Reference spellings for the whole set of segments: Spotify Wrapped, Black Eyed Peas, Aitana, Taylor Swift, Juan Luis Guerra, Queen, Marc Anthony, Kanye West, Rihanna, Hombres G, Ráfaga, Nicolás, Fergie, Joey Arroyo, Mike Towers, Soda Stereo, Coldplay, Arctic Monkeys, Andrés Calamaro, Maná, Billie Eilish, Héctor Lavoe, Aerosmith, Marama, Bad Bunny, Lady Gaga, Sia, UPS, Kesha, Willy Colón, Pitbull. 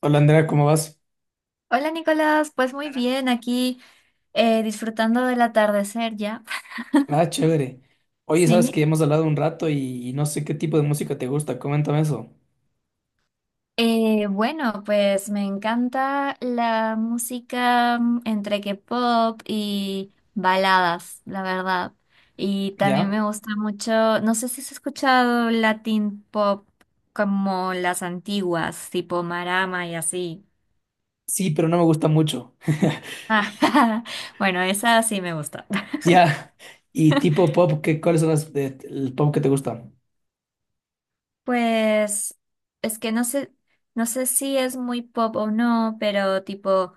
Hola Andrea, ¿cómo vas? Hola Nicolás, pues muy bien, aquí disfrutando del atardecer ya. Ah, chévere. Oye, sabes Sí. que hemos hablado un rato y no sé qué tipo de música te gusta, coméntame eso. Bueno, pues me encanta la música, entre que pop y baladas, la verdad. Y también ¿Ya? me gusta mucho, no sé si has escuchado Latin pop, como las antiguas, tipo Marama y así. Sí, pero no me gusta mucho. Ah, bueno, esa sí me gusta. Ya. ¿Y tipo pop? ¿Qué, cuáles son el pop que te gusta? Pues es que no sé, no sé si es muy pop o no, pero tipo,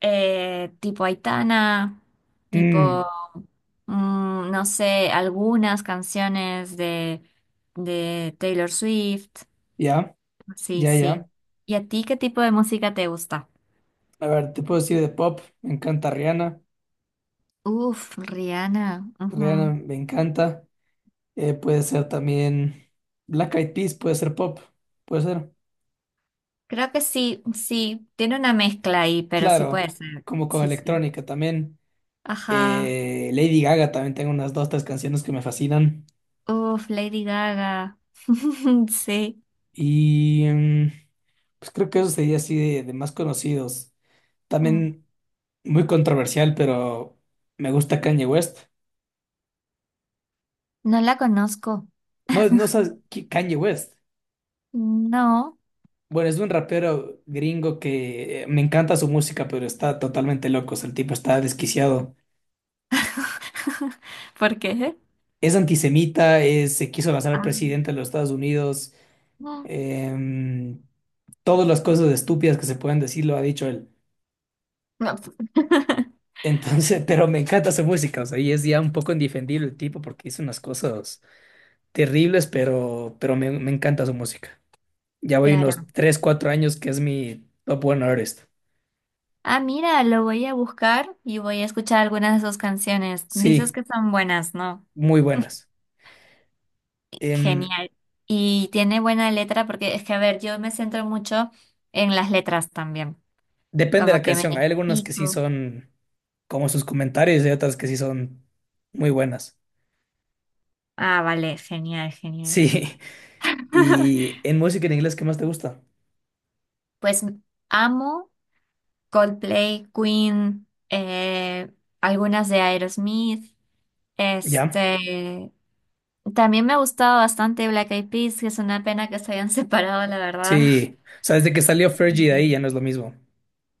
tipo Aitana, Mm, tipo, no sé, algunas canciones de Taylor Swift. ya, Sí, ya, ya. sí. ¿Y a ti qué tipo de música te gusta? A ver, te puedo decir de pop. Me encanta Rihanna. Uf, Rihanna. Rihanna Ujú. me encanta. Puede ser también Black Eyed Peas, puede ser pop. Puede ser. Creo que sí, sí, tiene una mezcla ahí, pero sí Claro, puede ser. como con Sí, sí. electrónica también. Ajá. Lady Gaga también tengo unas dos, tres canciones que me fascinan. Uf, Lady Gaga. Sí. Y pues creo que eso sería así de más conocidos. Mm. También muy controversial, pero me gusta Kanye West. No la conozco. No, no sabes Kanye West. No. Bueno, es un rapero gringo que me encanta su música, pero está totalmente loco. O sea, el tipo está desquiciado. ¿Por qué? Es antisemita, se quiso lanzar al Ah, mm, presidente de los Estados Unidos. em, Todas las cosas estúpidas que se pueden decir lo ha dicho él. no. Pues. Entonces, pero me encanta su música, o sea, y es ya un poco indefendible el tipo porque hizo unas cosas terribles, pero me encanta su música. Ya voy Claro. unos 3, 4 años que es mi top one artist. Ah, mira, lo voy a buscar y voy a escuchar algunas de sus canciones. Dices Sí, que son buenas, ¿no? muy buenas. Em, Genial. Y tiene buena letra, porque es que, a ver, yo me centro mucho en las letras también. Depende de Como la que me canción, hay algunas que sí identifico. son como sus comentarios y otras que sí son muy buenas. Ah, vale, genial, genial. Sí, y en música en inglés, ¿qué más te gusta? Pues amo Coldplay, Queen, algunas de Aerosmith. ¿Ya? Este, también me ha gustado bastante Black Eyed Peas, que es una pena que se hayan separado, la verdad. Sí, o sea, desde que salió Fergie de Ujú. ahí ya no es lo mismo.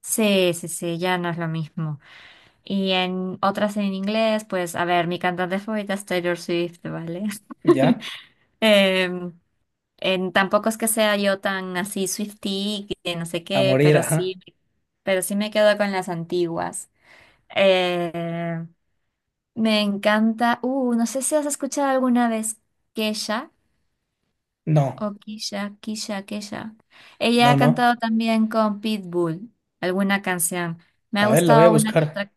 Sí, sí, sí, ya no es lo mismo. Y en otras en inglés, pues, a ver, mi cantante favorita es Taylor Swift, ¿vale? ¿Ya? Em, tampoco es que sea yo tan así Swiftie, que no sé A qué, morir, ajá. Pero sí me quedo con las antiguas. Eh, Me encanta. No sé si has escuchado alguna vez Kesha No. o Kisha, Kisha, Kesha. Ella No, ha no. cantado también con Pitbull alguna canción. Me ha A ver, la voy a gustado una que buscar. otra.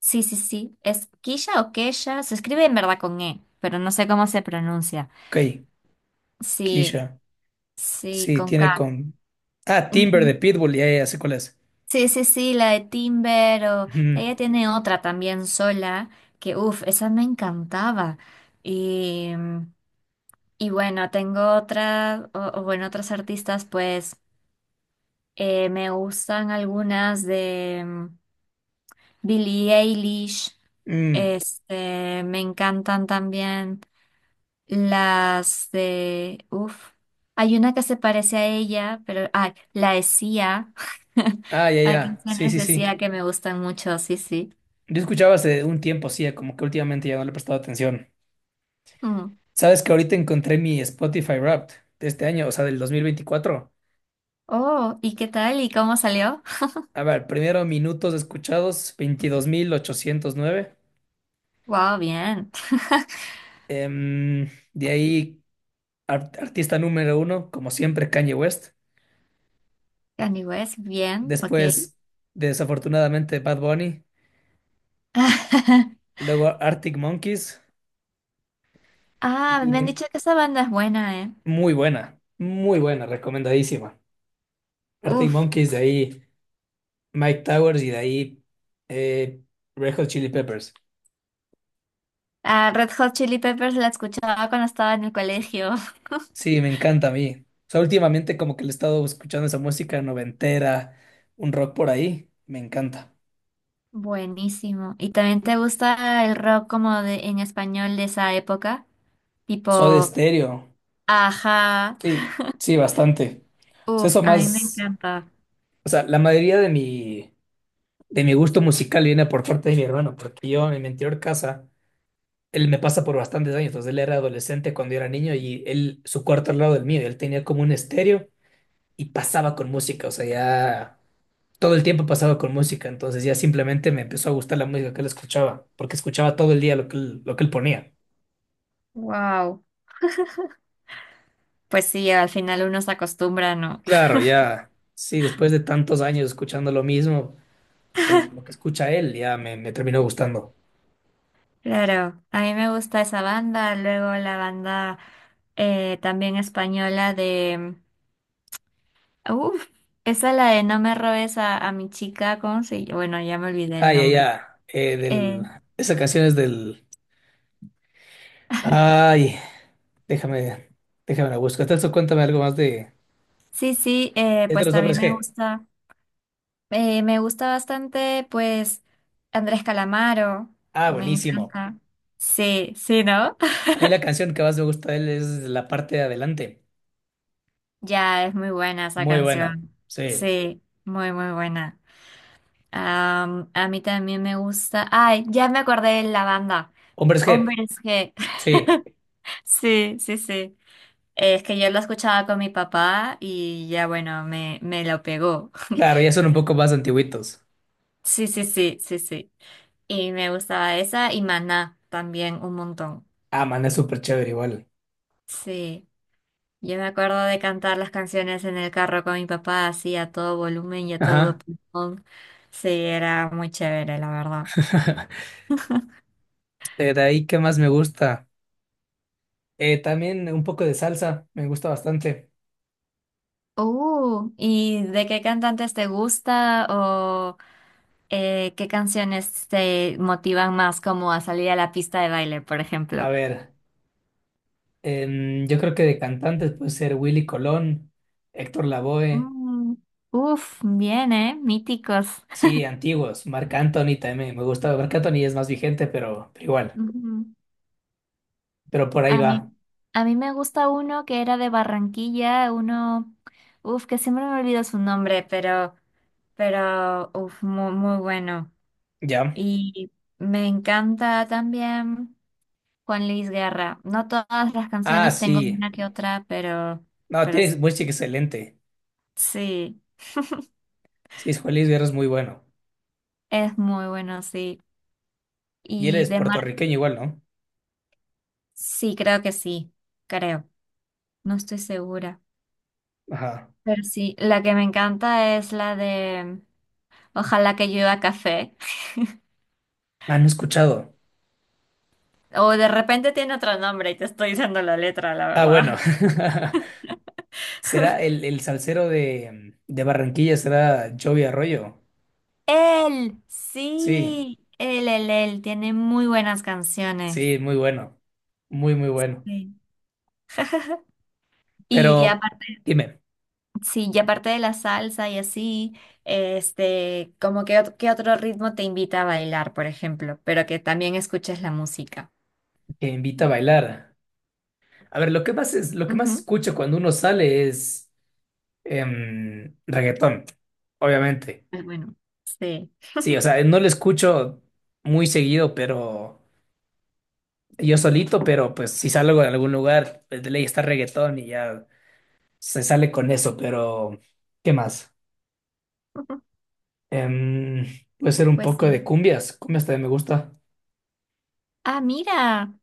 Sí, sí, sí. ¿Es Kisha o Kesha? Se escribe en verdad con E, pero no sé cómo se pronuncia. Ok, Sí, Keisha. sí, Sí, con tiene K. con. Ah, Timber de Ujú. Pitbull, ya, ya, ya sé cuál es. Sí, sí, sí, la de Timber o... Ujú. Ella tiene otra también sola que, uff, esa me encantaba. Y... mm. Y bueno, tengo otras, o bueno, otras artistas, pues me gustan algunas de, Billie Eilish. Mm. Este, me encantan también uff, hay una que se parece a ella, pero, ah, la de Sia. Ah, ya, Hay ya. Sí, canciones sí, de sí. Sia que me gustan mucho, sí, sí. Yo escuchaba hace un tiempo, sí, como que últimamente ya no le he prestado atención. Mm. Sabes que ahorita encontré mi Spotify Wrapped de este año, o sea, del 2024. Oh, ¿y qué tal? ¿Y cómo salió? A ver, primero minutos escuchados, 22.809. Wow, bien. Em, de ahí, artista número uno, como siempre, Kanye West. Kanye West, bien, ok. Después, desafortunadamente, Bad Bunny. Luego Arctic Monkeys. Ah, me han Y dicho que esa banda es buena, ¿eh? Muy buena, recomendadísima. Arctic Uf. Monkeys, de ahí Mike Towers y de ahí eh, Red Hot Chili Peppers. Ah, Red Hot Chili Peppers la escuchaba cuando estaba en el colegio. Sí, me encanta a mí. O sea, últimamente como que le he estado escuchando esa música noventera, un rock por ahí. Me encanta. Buenísimo. ¿Y también te gusta el rock como de en español de esa época? Soda Tipo, Stereo. ajá. Sí, sí, bastante. O sea, Uf, eso a mí me más. encanta. O sea, la mayoría de mi gusto musical viene por parte de mi hermano, porque yo en mi anterior casa, él me pasa por bastantes años, entonces él era adolescente cuando yo era niño y él, su cuarto al lado del mío, él tenía como un estéreo y pasaba con música, o sea, ya todo el tiempo pasaba con música, entonces ya simplemente me empezó a gustar la música que él escuchaba, porque escuchaba todo el día lo que él ponía. Wow. Pues sí, al final uno se acostumbra, ¿no? Claro, ya, sí, después de tantos años escuchando lo mismo, o sea, lo que escucha él ya me terminó gustando. Claro, a mí me gusta esa banda, luego la banda, también española. Uf, esa es la de no me robes a mi chica, ¿cómo se llama? Bueno, ya me olvidé Ah, el ya, nombre. ya, Eh, esa canción es del. Ay, déjame, déjame la busco. Entonces, cuéntame algo más de. sí, sí, Es de pues los también Hombres G. Me gusta bastante, pues, Andrés Calamaro, Ah, me buenísimo. encanta. Sí, sí, ¿no? A mí la canción que más me gusta de él es la parte de adelante. Ya, es muy buena esa Muy buena. canción. Sí. Sí, muy, muy buena. Am, a mí también me gusta. Ay, ya me acordé de la banda. Hombres G. Hombres G. Sí. Sí, sí, sí. Es que yo lo escuchaba con mi papá y ya bueno, me lo pegó. Claro, ya son un poco más antiguitos. Sí, sí, sí, sí, sí. Y me gustaba esa y Maná también un montón. Ah, man, es súper chévere igual. Sí, yo me acuerdo de cantar las canciones en el carro con mi papá así a todo volumen y a todo Ajá. pulmón. Sí, era muy chévere, la verdad. De ahí, ¿qué más me gusta? También un poco de salsa, me gusta bastante. ¿Y de qué cantantes te gusta o qué canciones te motivan más como a salir a la pista de baile, por A ejemplo? ver, yo creo que de cantantes puede ser Willy Colón, Héctor Lavoe. Mm. Uf, bien, ¿eh? Míticos. Sí, antiguos. Marc Anthony también me gusta. Marc Anthony es más vigente, pero igual. Ujú. Pero por ahí A va. mí, a mí me gusta uno que era de Barranquilla, uno, uf, que siempre me olvido su nombre, pero, uf, muy, muy bueno. Ya. Y me encanta también Juan Luis Guerra. No todas las Ah, canciones, tengo sí. una que otra, pero, No, pero tiene s- muy excelente. sí, Sí, es Juan Luis Guerra es muy bueno. es muy bueno, sí. Y él Y es de Mar, puertorriqueño igual, ¿no? sí, creo que sí, creo. No estoy segura. Ajá. Pero sí, la que me encanta es la de Ojalá que llueva café. Ah, no he escuchado. O de repente tiene otro nombre y te estoy diciendo la letra, la Ah, verdad. bueno. ¿Será el salsero de Barranquilla? ¿Será Joey Arroyo? Él, Sí, sí, él tiene muy buenas canciones. sí, muy bueno. Muy, muy bueno. Sí. Y Pero aparte, dime, sí, y aparte de la salsa y así, este, como que, qué otro ritmo te invita a bailar, por ejemplo, pero que también escuches la música. que invita a bailar. A ver, lo que más Ujú. escucho cuando uno sale es, reggaetón, obviamente. Pues bueno, sí. Sí, o sea, no lo escucho muy seguido, pero yo solito, pero pues si salgo de algún lugar, pues de ley está reggaetón y ya se sale con eso, pero ¿qué más? Em, Puede ser un Pues poco de sí. cumbias, cumbias también me gusta. Ah, mira.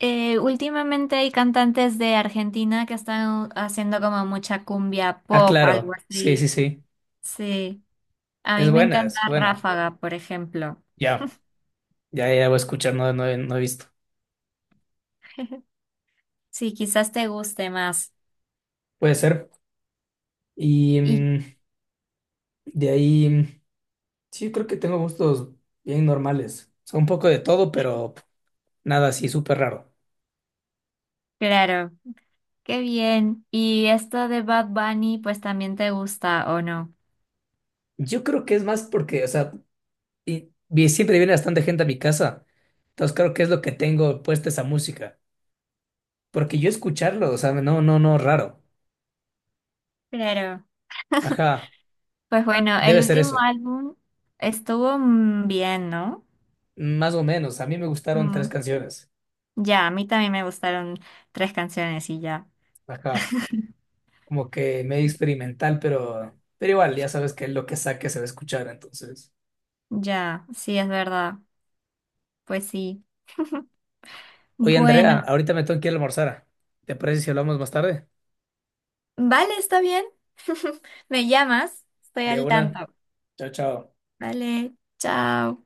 Últimamente hay cantantes de Argentina que están haciendo como mucha cumbia Ah, pop, algo claro, sí, así. sí, sí, Sí, a es mí me buena, encanta es buena. Ráfaga, por ejemplo. Ya, ya, ya voy a escuchar, no, no, he no he visto. Sí, quizás te guste más. Puede ser. Y Y de ahí. Sí, creo que tengo gustos bien normales. O sea, un poco de todo, pero nada así súper raro. claro, qué bien. Y esto de Bad Bunny, pues también te gusta, ¿o no? Yo creo que es más porque, o sea, siempre viene bastante gente a mi casa. Entonces creo que es lo que tengo puesta esa música. Porque yo escucharlo, o sea, no, no, no, raro. Claro. Ajá, Pues bueno, el debe ser último eso. álbum estuvo, bien, ¿no? Más o menos. A mí me gustaron tres Mm, canciones. ya, a mí también me gustaron tres canciones y ya. Ajá, como que medio experimental, pero igual, ya sabes que lo que saque se va a escuchar, entonces. Ya, sí, es verdad. Pues sí. Oye, Andrea, Bueno, ahorita me tengo que ir a almorzar. ¿Te parece si hablamos más tarde? vale, está bien. Me llamas, estoy De al una. tanto. Chao, chao. Vale, chao.